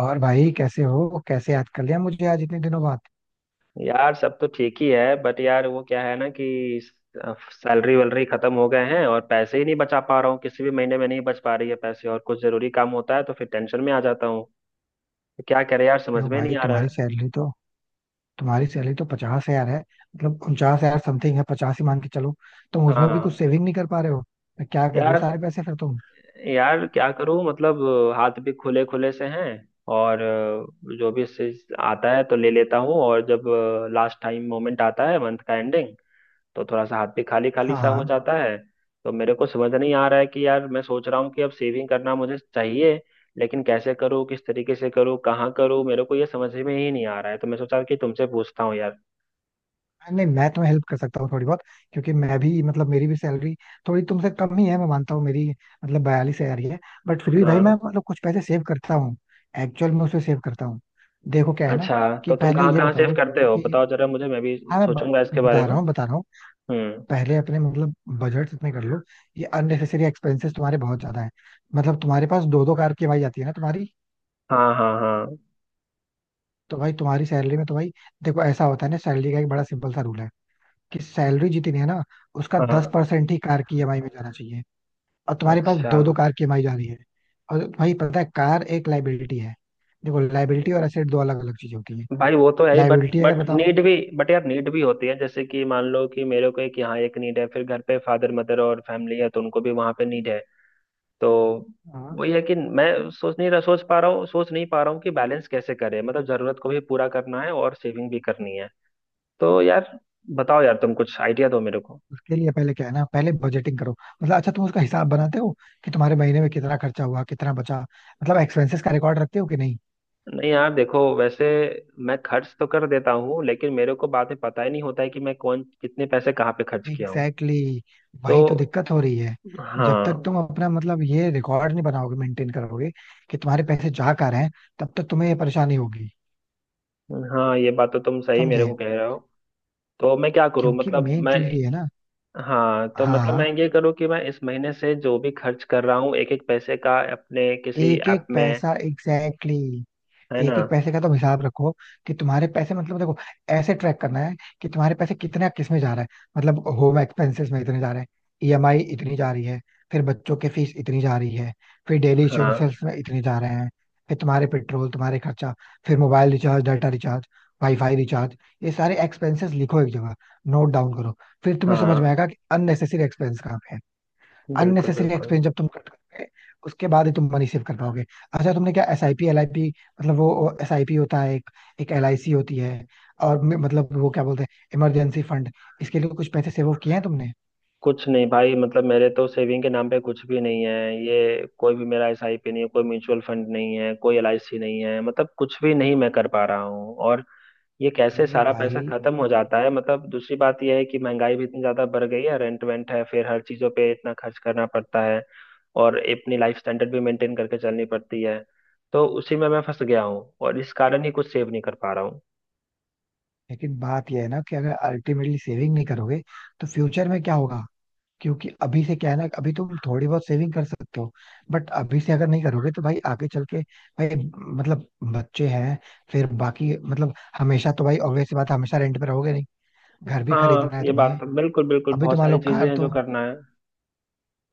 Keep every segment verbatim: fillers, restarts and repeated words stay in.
और भाई, कैसे हो? कैसे याद कर लिया मुझे आज इतने दिनों बाद? यार सब तो ठीक ही है। बट यार वो क्या है ना कि सैलरी वैलरी खत्म हो गए हैं और पैसे ही नहीं बचा पा रहा हूँ। किसी भी महीने में नहीं बच पा रही है पैसे और कुछ जरूरी काम होता है तो फिर टेंशन में आ जाता हूँ। तो क्या करे यार, समझ क्यों में नहीं भाई, आ रहा तुम्हारी है। सैलरी तो तुम्हारी सैलरी तो पचास हजार है. मतलब उनचास हजार समथिंग है, पचास ही मान के चलो. तुम उसमें भी कुछ हाँ। सेविंग नहीं कर पा रहे हो? तो क्या कर रहे हो यार सारे पैसे फिर तुम? यार क्या करूँ मतलब, हाथ भी खुले खुले से हैं और अ, जो भी चीज आता है तो ले लेता हूँ। और जब लास्ट टाइम मोमेंट आता है मंथ का एंडिंग, तो थोड़ा सा हाथ भी खाली खाली हाँ सा हो हाँ. जाता है। तो मेरे को समझ नहीं आ रहा है कि यार, मैं सोच रहा हूँ कि अब सेविंग करना मुझे चाहिए, लेकिन कैसे करूँ, किस तरीके से करूँ, कहाँ करूँ, मेरे को ये समझ में ही नहीं आ रहा है। तो मैं सोचा कि तुमसे पूछता हूँ यार। नहीं, मैं तुम्हें हेल्प कर सकता हूँ थोड़ी बहुत. क्योंकि मैं भी मतलब मेरी भी सैलरी थोड़ी तुमसे कम ही है, मैं मानता हूँ. मेरी मतलब बयालीस हजार ही है. बट फिर भी भाई मैं हाँ। मतलब कुछ पैसे सेव करता हूँ. एक्चुअल में उसे सेव करता हूँ. देखो क्या है ना, अच्छा, कि तो तुम पहले कहाँ ये कहाँ सेव बताओ करते हो कि बताओ जरा, मुझे मैं भी हाँ मैं ब- सोचूंगा इसके बारे बता में। रहा हूँ बता रहा हूँ. हम्म। पहले अपने मतलब बजट इतने कर लो. ये अननेसेसरी एक्सपेंसेस तुम्हारे बहुत ज्यादा है. मतलब तुम्हारे पास दो दो कार की भाई आती है ना तुम्हारी? हाँ हाँ हाँ तो भाई तुम्हारी सैलरी में तो भाई देखो ऐसा होता है ना, सैलरी का एक बड़ा सिंपल सा रूल है, कि सैलरी जितनी है ना उसका दस हाँ। परसेंट ही कार की ईएमआई में जाना चाहिए. और तुम्हारे पास अच्छा। दो दो कार की ईएमआई जा रही है. और भाई पता है कार एक लाइबिलिटी है. देखो लाइबिलिटी और एसेट दो अलग अलग चीजें होती है. भाई वो तो है ही, बट लाइबिलिटी अगर बट बताऊं. नीड भी, बट यार नीड भी होती है, जैसे कि मान लो कि मेरे को एक यहाँ एक नीड है, फिर घर पे फादर मदर और फैमिली है तो उनको भी वहां पे नीड है। तो हाँ. वही है कि मैं सोच नहीं रहा सोच पा रहा हूँ सोच नहीं पा रहा हूँ कि बैलेंस कैसे करें, मतलब जरूरत को भी पूरा करना है और सेविंग भी करनी है। तो यार बताओ यार, तुम कुछ आइडिया दो मेरे को। उसके लिए पहले क्या है ना, पहले बजटिंग करो मतलब अच्छा, तुम उसका हिसाब बनाते हो कि तुम्हारे महीने में कितना खर्चा हुआ कितना बचा, मतलब एक्सपेंसेस का रिकॉर्ड रखते हो कि नहीं? नहीं यार देखो वैसे, मैं खर्च तो कर देता हूँ लेकिन मेरे को बाद में पता ही नहीं होता है कि मैं कौन कितने पैसे कहाँ पे खर्च किया हूँ। एग्जैक्टली exactly, तो वही तो दिक्कत हो रही है. जब तक हाँ। तुम अपना मतलब ये रिकॉर्ड नहीं बनाओगे मेंटेन करोगे कि तुम्हारे पैसे जा कहाँ रहे हैं, तब तक तुम्हें ये परेशानी होगी. हाँ ये बात तो तुम सही मेरे समझे? को कह रहे हो। तो मैं क्या करूँ क्योंकि मतलब, मेन मैं, चीज ये है ना. हाँ तो मतलब मैं हाँ, ये करूँ कि मैं इस महीने से जो भी खर्च कर रहा हूँ एक एक पैसे का अपने किसी एक एक ऐप में, पैसा एग्जैक्टली exactly, है ना। एक एक पैसे का तुम हिसाब रखो कि तुम्हारे पैसे मतलब देखो ऐसे ट्रैक करना है कि तुम्हारे पैसे कितने किस में जा रहा है. मतलब होम एक्सपेंसेस में इतने जा रहे हैं, ईएमआई इतनी जा रही है, फिर बच्चों के फीस इतनी जा रही है, फिर डेली हाँ इश्यूएंसेस में इतने जा रहे हैं, फिर तुम्हारे पेट्रोल तुम्हारे खर्चा, फिर mobile recharge data recharge WiFi recharge, ये सारे एक्सपेंसेस लिखो एक जगह, नोट डाउन करो. फिर तुम्हें समझ में हाँ। आएगा कि अननेसेसरी एक्सपेंस कहाँ पे है. बिल्कुल अननेसेसरी बिल्कुल। एक्सपेंस जब तुम कट करोगे उसके बाद ही तुम मनी सेव कर पाओगे. अच्छा तुमने क्या S I P L I P, मतलब वो एस आई पी होता है एक, एक एल आई सी होती है, और मे- मतलब वो क्या बोलते हैं, इमरजेंसी फंड, इसके लिए कुछ पैसे सेव किए हैं तुमने? कुछ नहीं भाई, मतलब मेरे तो सेविंग के नाम पे कुछ भी नहीं है। ये कोई भी मेरा एसआईपी नहीं है, कोई म्यूचुअल फंड नहीं है, कोई एलआईसी नहीं है, मतलब कुछ भी नहीं मैं कर पा रहा हूँ। और ये कैसे अरे सारा भाई. पैसा खत्म हो जाता है, मतलब दूसरी बात यह है कि महंगाई भी इतनी ज्यादा बढ़ गई है, रेंट वेंट है, फिर हर चीजों पे इतना खर्च करना पड़ता है और अपनी लाइफ स्टैंडर्ड भी मेंटेन करके चलनी पड़ती है। तो उसी में मैं फंस गया हूँ और इस कारण ही कुछ सेव नहीं कर पा रहा हूँ। लेकिन बात यह है ना कि अगर अल्टीमेटली सेविंग नहीं करोगे तो फ्यूचर में क्या होगा? क्योंकि अभी से क्या है ना, अभी तुम थोड़ी बहुत सेविंग कर सकते हो. बट अभी से अगर नहीं करोगे तो भाई आगे चल के भाई मतलब बच्चे हैं, फिर बाकी मतलब हमेशा, तो भाई ऑब्वियस बात है, हमेशा रेंट पे रहोगे नहीं, घर भी हाँ खरीदना है ये बात तुम्हें. तो बिल्कुल बिल्कुल, अभी तो बहुत मान सारी लो चीजें कार हैं जो तो करना है।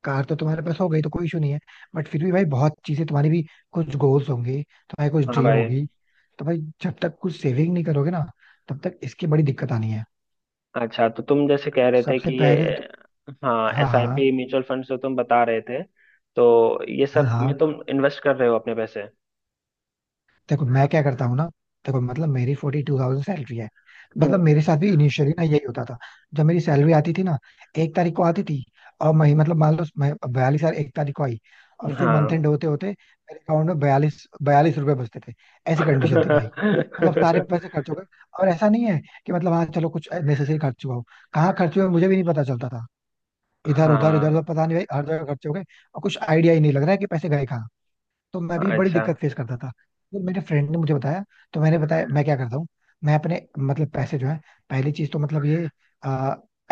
कार तो तुम्हारे पास हो गई तो कोई इशू नहीं है. बट फिर भी भाई बहुत चीजें तुम्हारी भी, कुछ गोल्स होंगे, तुम्हारी कुछ हाँ ड्रीम भाई। होगी. तो भाई जब तक कुछ सेविंग नहीं करोगे ना तब तक इसकी बड़ी दिक्कत आनी है. अच्छा तो तुम जैसे कह रहे थे सबसे कि ये, पहले तो. हाँ हाँ एस आई हाँ पी, म्यूचुअल फंड जो तुम बता रहे थे, तो ये हाँ सब हाँ. में तुम इन्वेस्ट कर रहे हो अपने पैसे। देखो मैं क्या करता हूँ ना. देखो मतलब मेरी फोर्टी टू थाउजेंड सैलरी है. मतलब हम्म। मेरे साथ भी इनिशियली ना यही होता था. जब मेरी सैलरी आती थी ना, एक तारीख को आती थी, और मही मतलब मान लो मैं बयालीस हजार एक तारीख को आई. और फिर मंथ हाँ एंड होते होते मेरे अकाउंट में बयालीस बयालीस रुपए बचते थे. ऐसी कंडीशन थी भाई. मतलब सारे पैसे खर्च हो गए. और ऐसा नहीं है कि मतलब हाँ चलो कुछ नेसेसरी खर्च हुआ हो. कहाँ खर्च हुए मुझे भी नहीं पता चलता था. इधर उधर इधर उधर हाँ। पता नहीं भाई हर जगह खर्च हो गए, और कुछ आइडिया ही नहीं लग रहा है कि पैसे गए. तो मैं भी बड़ी अच्छा। दिक्कत फेस करता था. तो मेरे फ्रेंड ने मुझे बताया, तो मैंने बताया मैं क्या करता हूँ. मैं अपने मतलब पैसे जो है, पहली चीज तो मतलब ये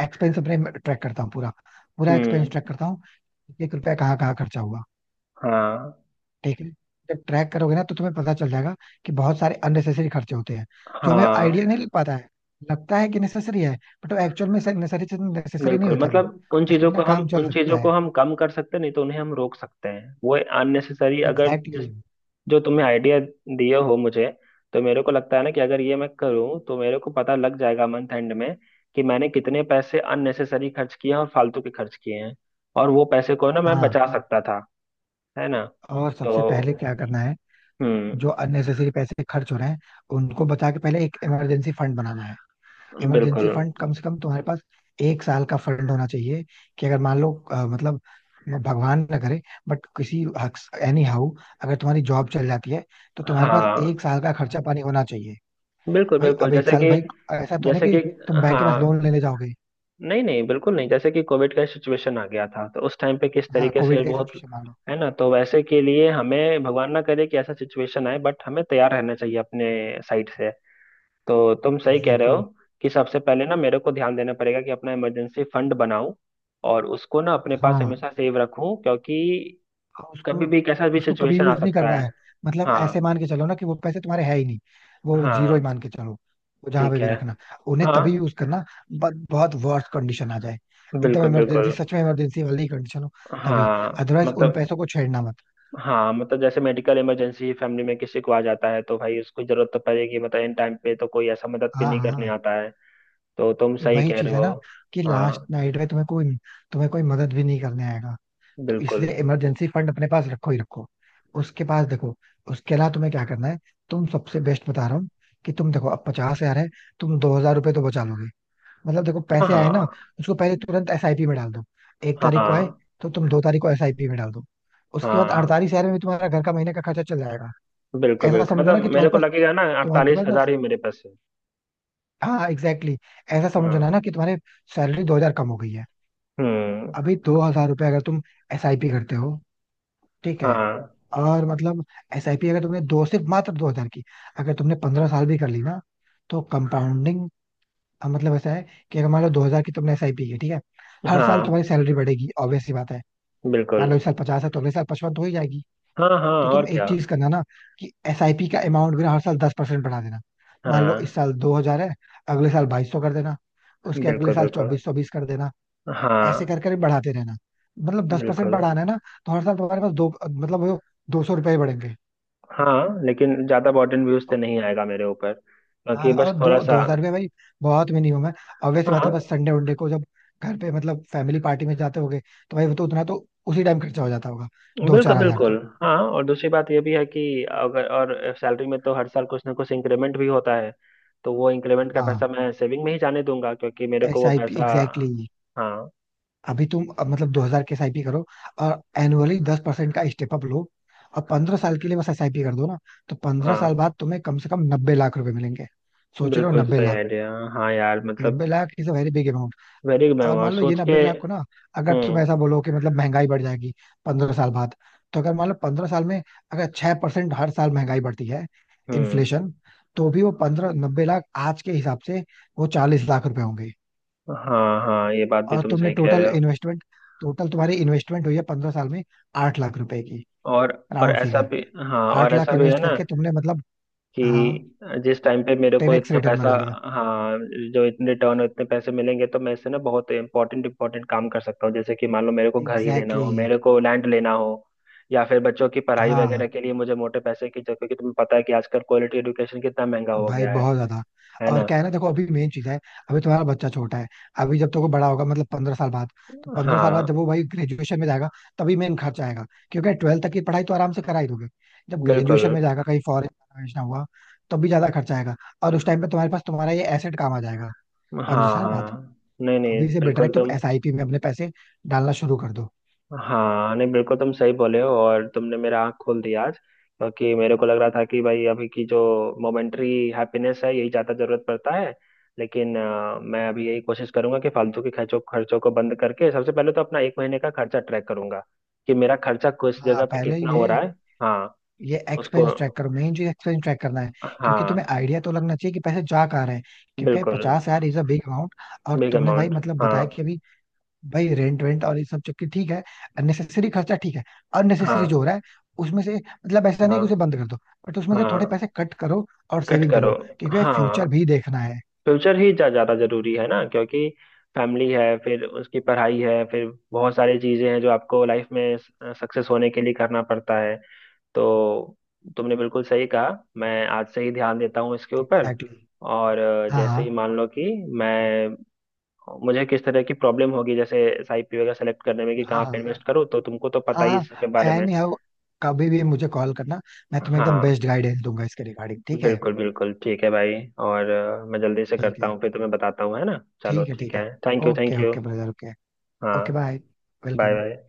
एक्सपेंस अपने ट्रैक करता हूँ पूरा, पूरा एक्सपेंस हम्म। ट्रैक करता हूँ. एक रुपया कहाँ कहाँ खर्चा हुआ, हाँ ठीक है. जब ट्रैक करोगे ना तो तुम्हें पता चल जाएगा कि बहुत सारे अननेसेसरी खर्चे होते हैं जो हमें हाँ। आइडिया नहीं लग पाता है, लगता है कि नेसेसरी है, बट वो एक्चुअल में नेसेसरी नेसेसरी नहीं बिल्कुल, होता वो, मतलब उन उसके चीजों बिना को हम काम चल उन सकता चीजों को है. हम कम कर सकते हैं, नहीं तो उन्हें हम रोक सकते हैं, वो अननेसेसरी अगर एग्जैक्टली जिस, exactly. जो तुमने आइडिया दिए हो मुझे। तो मेरे को लगता है ना कि अगर ये मैं करूँ तो मेरे को पता लग जाएगा मंथ एंड में कि मैंने कितने पैसे अननेसेसरी खर्च किए हैं और फालतू के खर्च किए हैं, और वो पैसे को ना मैं हाँ, बचा सकता था, है ना। और सबसे पहले तो क्या करना है, हम्म। जो अननेसेसरी पैसे खर्च हो रहे हैं उनको बचा के पहले एक इमरजेंसी फंड बनाना है. इमरजेंसी बिल्कुल। फंड कम से कम तुम्हारे पास एक साल का फंड होना चाहिए. कि अगर मान लो अ, मतलब भगवान ना करे बट किसी, एनी हाउ, अगर तुम्हारी जॉब चल जाती है तो तुम्हारे पास हाँ एक साल का खर्चा पानी होना चाहिए. बिल्कुल भाई बिल्कुल अब एक जैसे साल कि, भाई ऐसा तो है ना जैसे कि, कि तुम बैंक के पास हाँ लोन लेने जाओगे. नहीं नहीं बिल्कुल नहीं, जैसे कि कोविड का सिचुएशन आ गया था तो उस टाइम पे किस हाँ, तरीके से, कोविड का बहुत, सिचुएशन मान लो. है ना। तो वैसे के लिए हमें, भगवान ना करे कि ऐसा सिचुएशन आए, बट हमें तैयार रहना चाहिए अपने साइड से। तो तुम सही कह रहे एग्जैक्टली हो exactly. कि सबसे पहले ना मेरे को ध्यान देना पड़ेगा कि अपना इमरजेंसी फंड बनाऊं और उसको ना अपने पास हाँ, हमेशा सेव रखूं क्योंकि और कभी उसको भी कैसा भी उसको कभी सिचुएशन आ यूज नहीं सकता करना है। है. मतलब ऐसे हाँ मान के चलो ना कि वो पैसे तुम्हारे है ही नहीं. वो जीरो ही हाँ। मान के चलो. वो जहां पे ठीक भी है। रखना उन्हें हाँ। तभी यूज करना, बट बहुत वर्स्ट कंडीशन आ जाए, एकदम बिल्कुल इमरजेंसी, बिल्कुल। सच में इमरजेंसी वाली कंडीशन हो तभी, हाँ अदरवाइज उन मतलब, पैसों को छेड़ना मत. हाँ मतलब जैसे मेडिकल इमरजेंसी फैमिली में किसी को आ जाता है तो भाई उसको जरूरत तो पड़ेगी, मतलब इन टाइम पे तो कोई ऐसा मदद भी हाँ नहीं करने हाँ. आता है। तो तुम ये सही वही कह चीज रहे है हो। ना कि लास्ट हाँ। नाइट में तुम्हें कोई तुम्हें कोई मदद भी नहीं करने आएगा. तो बिल्कुल। इसलिए इमरजेंसी फंड अपने पास रखो ही रखो. उसके पास देखो, उसके अलावा तुम्हें क्या करना है, तुम सबसे बेस्ट बता रहा हूँ. कि तुम देखो अब पचास हजार है, तुम दो हजार रुपये तो बचा लोगे. मतलब देखो हाँ पैसे आए ना हाँ। उसको पहले तुरंत एसआईपी में डाल दो. एक तारीख को आए हाँ तो तुम दो तारीख को एसआईपी में डाल दो. उसके बाद हाँ। अड़तालीस हजार में तुम्हारा घर का महीने का खर्चा चल जाएगा. बिल्कुल ऐसा बिल्कुल, समझो ना कि मतलब मेरे तुम्हारे को पास, लगेगा ना तुम्हारे अड़तालीस पास ना, हजार ही मेरे पास है। हाँ एग्जैक्टली exactly, ऐसा समझो ना हाँ। ना कि तुम्हारी सैलरी दो हजार कम हो गई है. हम्म। अभी दो हजार रुपये अगर तुम एसआईपी करते हो, ठीक है, हाँ। और मतलब एसआईपी अगर तुमने दो सिर्फ मात्र दो हजार की, अगर तुमने पंद्रह साल भी कर ली ना तो कंपाउंडिंग, मतलब ऐसा है कि अगर मान लो दो हजार की तुमने एसआईपी की, ठीक है. हर साल हाँ। तुम्हारी सैलरी बढ़ेगी ऑब्वियस सी बात है. बिल्कुल। मान लो इस साल पचास है तो अगले साल पचपन तो हो ही जाएगी. हाँ हाँ तो तुम और क्या। एक चीज करना ना कि एसआईपी का अमाउंट भी ना हर साल दस परसेंट बढ़ा देना. मान लो इस हाँ। साल दो हजार है, अगले साल बाईस सौ कर देना, उसके अगले बिल्कुल साल बिल्कुल। चौबीस सौ बीस कर देना. ऐसे हाँ। कर कर बढ़ाते रहना, मतलब दस परसेंट बिल्कुल। बढ़ाना है ना. तो हर साल तुम्हारे पास दो मतलब वो दो सौ रुपये बढ़ेंगे. हाँ लेकिन ज्यादा बर्डन व्यूज से नहीं आएगा मेरे ऊपर, क्योंकि हाँ, बस और थोड़ा दो दो सा। हजार में भाई बहुत मिनिमम है. ऑब्वियस बात है, बस हाँ। संडे वनडे को जब घर पे मतलब फैमिली पार्टी में जाते होगे तो भाई वो तो उतना तो उसी टाइम खर्चा हो जाता होगा, दो बिल्कुल चार हजार बिल्कुल। तक. हाँ और दूसरी बात ये भी है कि अगर और सैलरी में तो हर साल कुछ ना कुछ इंक्रीमेंट भी होता है, तो वो इंक्रीमेंट का पैसा हाँ मैं सेविंग में ही जाने दूंगा, क्योंकि मेरे को एस वो आई पी पैसा, एग्जैक्टली. हाँ। अभी तुम अब मतलब दो हजार के एस आई पी करो, और एनुअली दस परसेंट का स्टेप अप लो, और पंद्रह साल के लिए बस एस आई पी कर दो ना. तो पंद्रह हाँ। साल बाद तुम्हें कम से कम नब्बे लाख रुपए मिलेंगे. सोच रहे हो, बिल्कुल नब्बे सही लाख आइडिया। हाँ यार मतलब, नब्बे lakh is a very big. Very, मैं और और मान लो ये सोच के, नब्बे लाख को ना, अगर तुम हम्म। ऐसा बोलो कि मतलब महंगाई बढ़ जाएगी पंद्रह साल बाद, तो अगर मान लो पंद्रह साल में अगर छह परसेंट हर साल महंगाई बढ़ती है हम्म। इन्फ्लेशन, तो भी वो पंद्रह नब्बे लाख आज के हिसाब से वो चालीस लाख रुपए होंगे. हाँ हाँ ये बात भी और तुम तुमने सही कह रहे टोटल हो। इन्वेस्टमेंट टोटल तुम्हारी इन्वेस्टमेंट हुई है पंद्रह साल में आठ लाख रुपए की, और और राउंड ऐसा फिगर. भी, हाँ आठ और लाख ऐसा भी है इन्वेस्ट ना करके तुमने मतलब हाँ कि, जिस टाइम पे मेरे टेन को एक्स इतना रिटर्न पैसा, बना लिया. हाँ, जो इतने रिटर्न और इतने पैसे मिलेंगे तो मैं इससे ना बहुत इंपॉर्टेंट इंपॉर्टेंट काम कर सकता हूँ, जैसे कि मान लो मेरे को घर ही लेना एग्जैक्टली हो, exactly, मेरे को लैंड लेना हो, या फिर बच्चों की पढ़ाई हाँ वगैरह के लिए मुझे मोटे पैसे की जरूरत, क्योंकि तुम्हें पता है कि आजकल क्वालिटी एडुकेशन कितना महंगा हो भाई गया है। बहुत ज्यादा. है और ना। क्या है ना देखो, अभी मेन चीज है, अभी तुम्हारा बच्चा छोटा है. अभी जब तक वो बड़ा होगा मतलब पंद्रह साल बाद, तो पंद्रह साल बाद जब हाँ। वो भाई ग्रेजुएशन में जाएगा तभी मेन खर्च आएगा, क्योंकि ट्वेल्थ तक की पढ़ाई तो आराम से करा ही दोगे. जब बिल्कुल। ग्रेजुएशन में जाएगा, कहीं फॉरेन ना हुआ, तब भी ज्यादा खर्च आएगा. और उस टाइम पे तुम्हारे पास तुम्हारा ये एसेट काम आ जाएगा, पंद्रह हाँ साल बाद. हाँ। नहीं नहीं अभी से बेटर है बिल्कुल कि तुम तुम, एसआईपी में अपने पैसे डालना शुरू कर दो. हाँ नहीं बिल्कुल तुम सही बोले हो और तुमने मेरा आँख खोल दिया आज, क्योंकि मेरे को लग रहा था कि भाई अभी की जो मोमेंट्री हैप्पीनेस है यही ज़्यादा जरूरत पड़ता है। लेकिन अ, मैं अभी यही कोशिश करूंगा कि फालतू के खर्चों खर्चों को बंद करके सबसे पहले तो अपना एक महीने का खर्चा ट्रैक करूंगा कि मेरा खर्चा किस हाँ जगह पे पहले कितना हो ये रहा है। हाँ। ये उसको, एक्सपेंस ट्रैक करो, मेन चीज एक्सपेंस ट्रैक करना है. क्योंकि तुम्हें हाँ। आइडिया तो लगना चाहिए कि पैसे जा कहाँ रहे हैं. क्योंकि बिल्कुल। पचास हजार इज अ बिग अमाउंट. और बिग तुमने भाई अमाउंट। मतलब हाँ। बताया कि अभी भाई रेंट वेंट और ये सब चक्की, ठीक है, अननेसेसरी खर्चा ठीक है, अननेसेसरी जो हाँ। हो रहा है उसमें से मतलब ऐसा नहीं हाँ। कि उसे बंद कर दो, बट उसमें से थोड़े हाँ पैसे कट करो और कट सेविंग करो। करो, क्योंकि हाँ। फ्यूचर भी देखना है. फ्यूचर ही जा ज्यादा जरूरी है ना, क्योंकि फैमिली है, फिर उसकी पढ़ाई है, फिर बहुत सारी चीजें हैं जो आपको लाइफ में सक्सेस होने के लिए करना पड़ता है। तो तुमने बिल्कुल सही कहा, मैं आज से ही ध्यान देता हूँ इसके ऊपर। Exactly exactly. और अ, जैसे ही हाँ मान लो कि मैं, मुझे किस तरह की प्रॉब्लम होगी जैसे एसआईपी वगैरह सेलेक्ट करने में कि हाँ कहाँ पे हाँ इन्वेस्ट करूँ, तो तुमको तो पता ही इसके हाँ, बारे में। एनी हाउ, कभी भी मुझे कॉल करना, मैं तुम्हें एकदम हाँ। बेस्ट गाइडेंस दूंगा इसके रिगार्डिंग, ठीक है. बिल्कुल बिल्कुल ठीक है भाई। और अ, मैं जल्दी से ठीक करता है हूँ फिर तुम्हें बताता हूँ, है ना। चलो ठीक है ठीक ठीक है, है. Thank you thank okay you. Okay brother okay. हाँ। Okay bye. Bye welcome. Bye.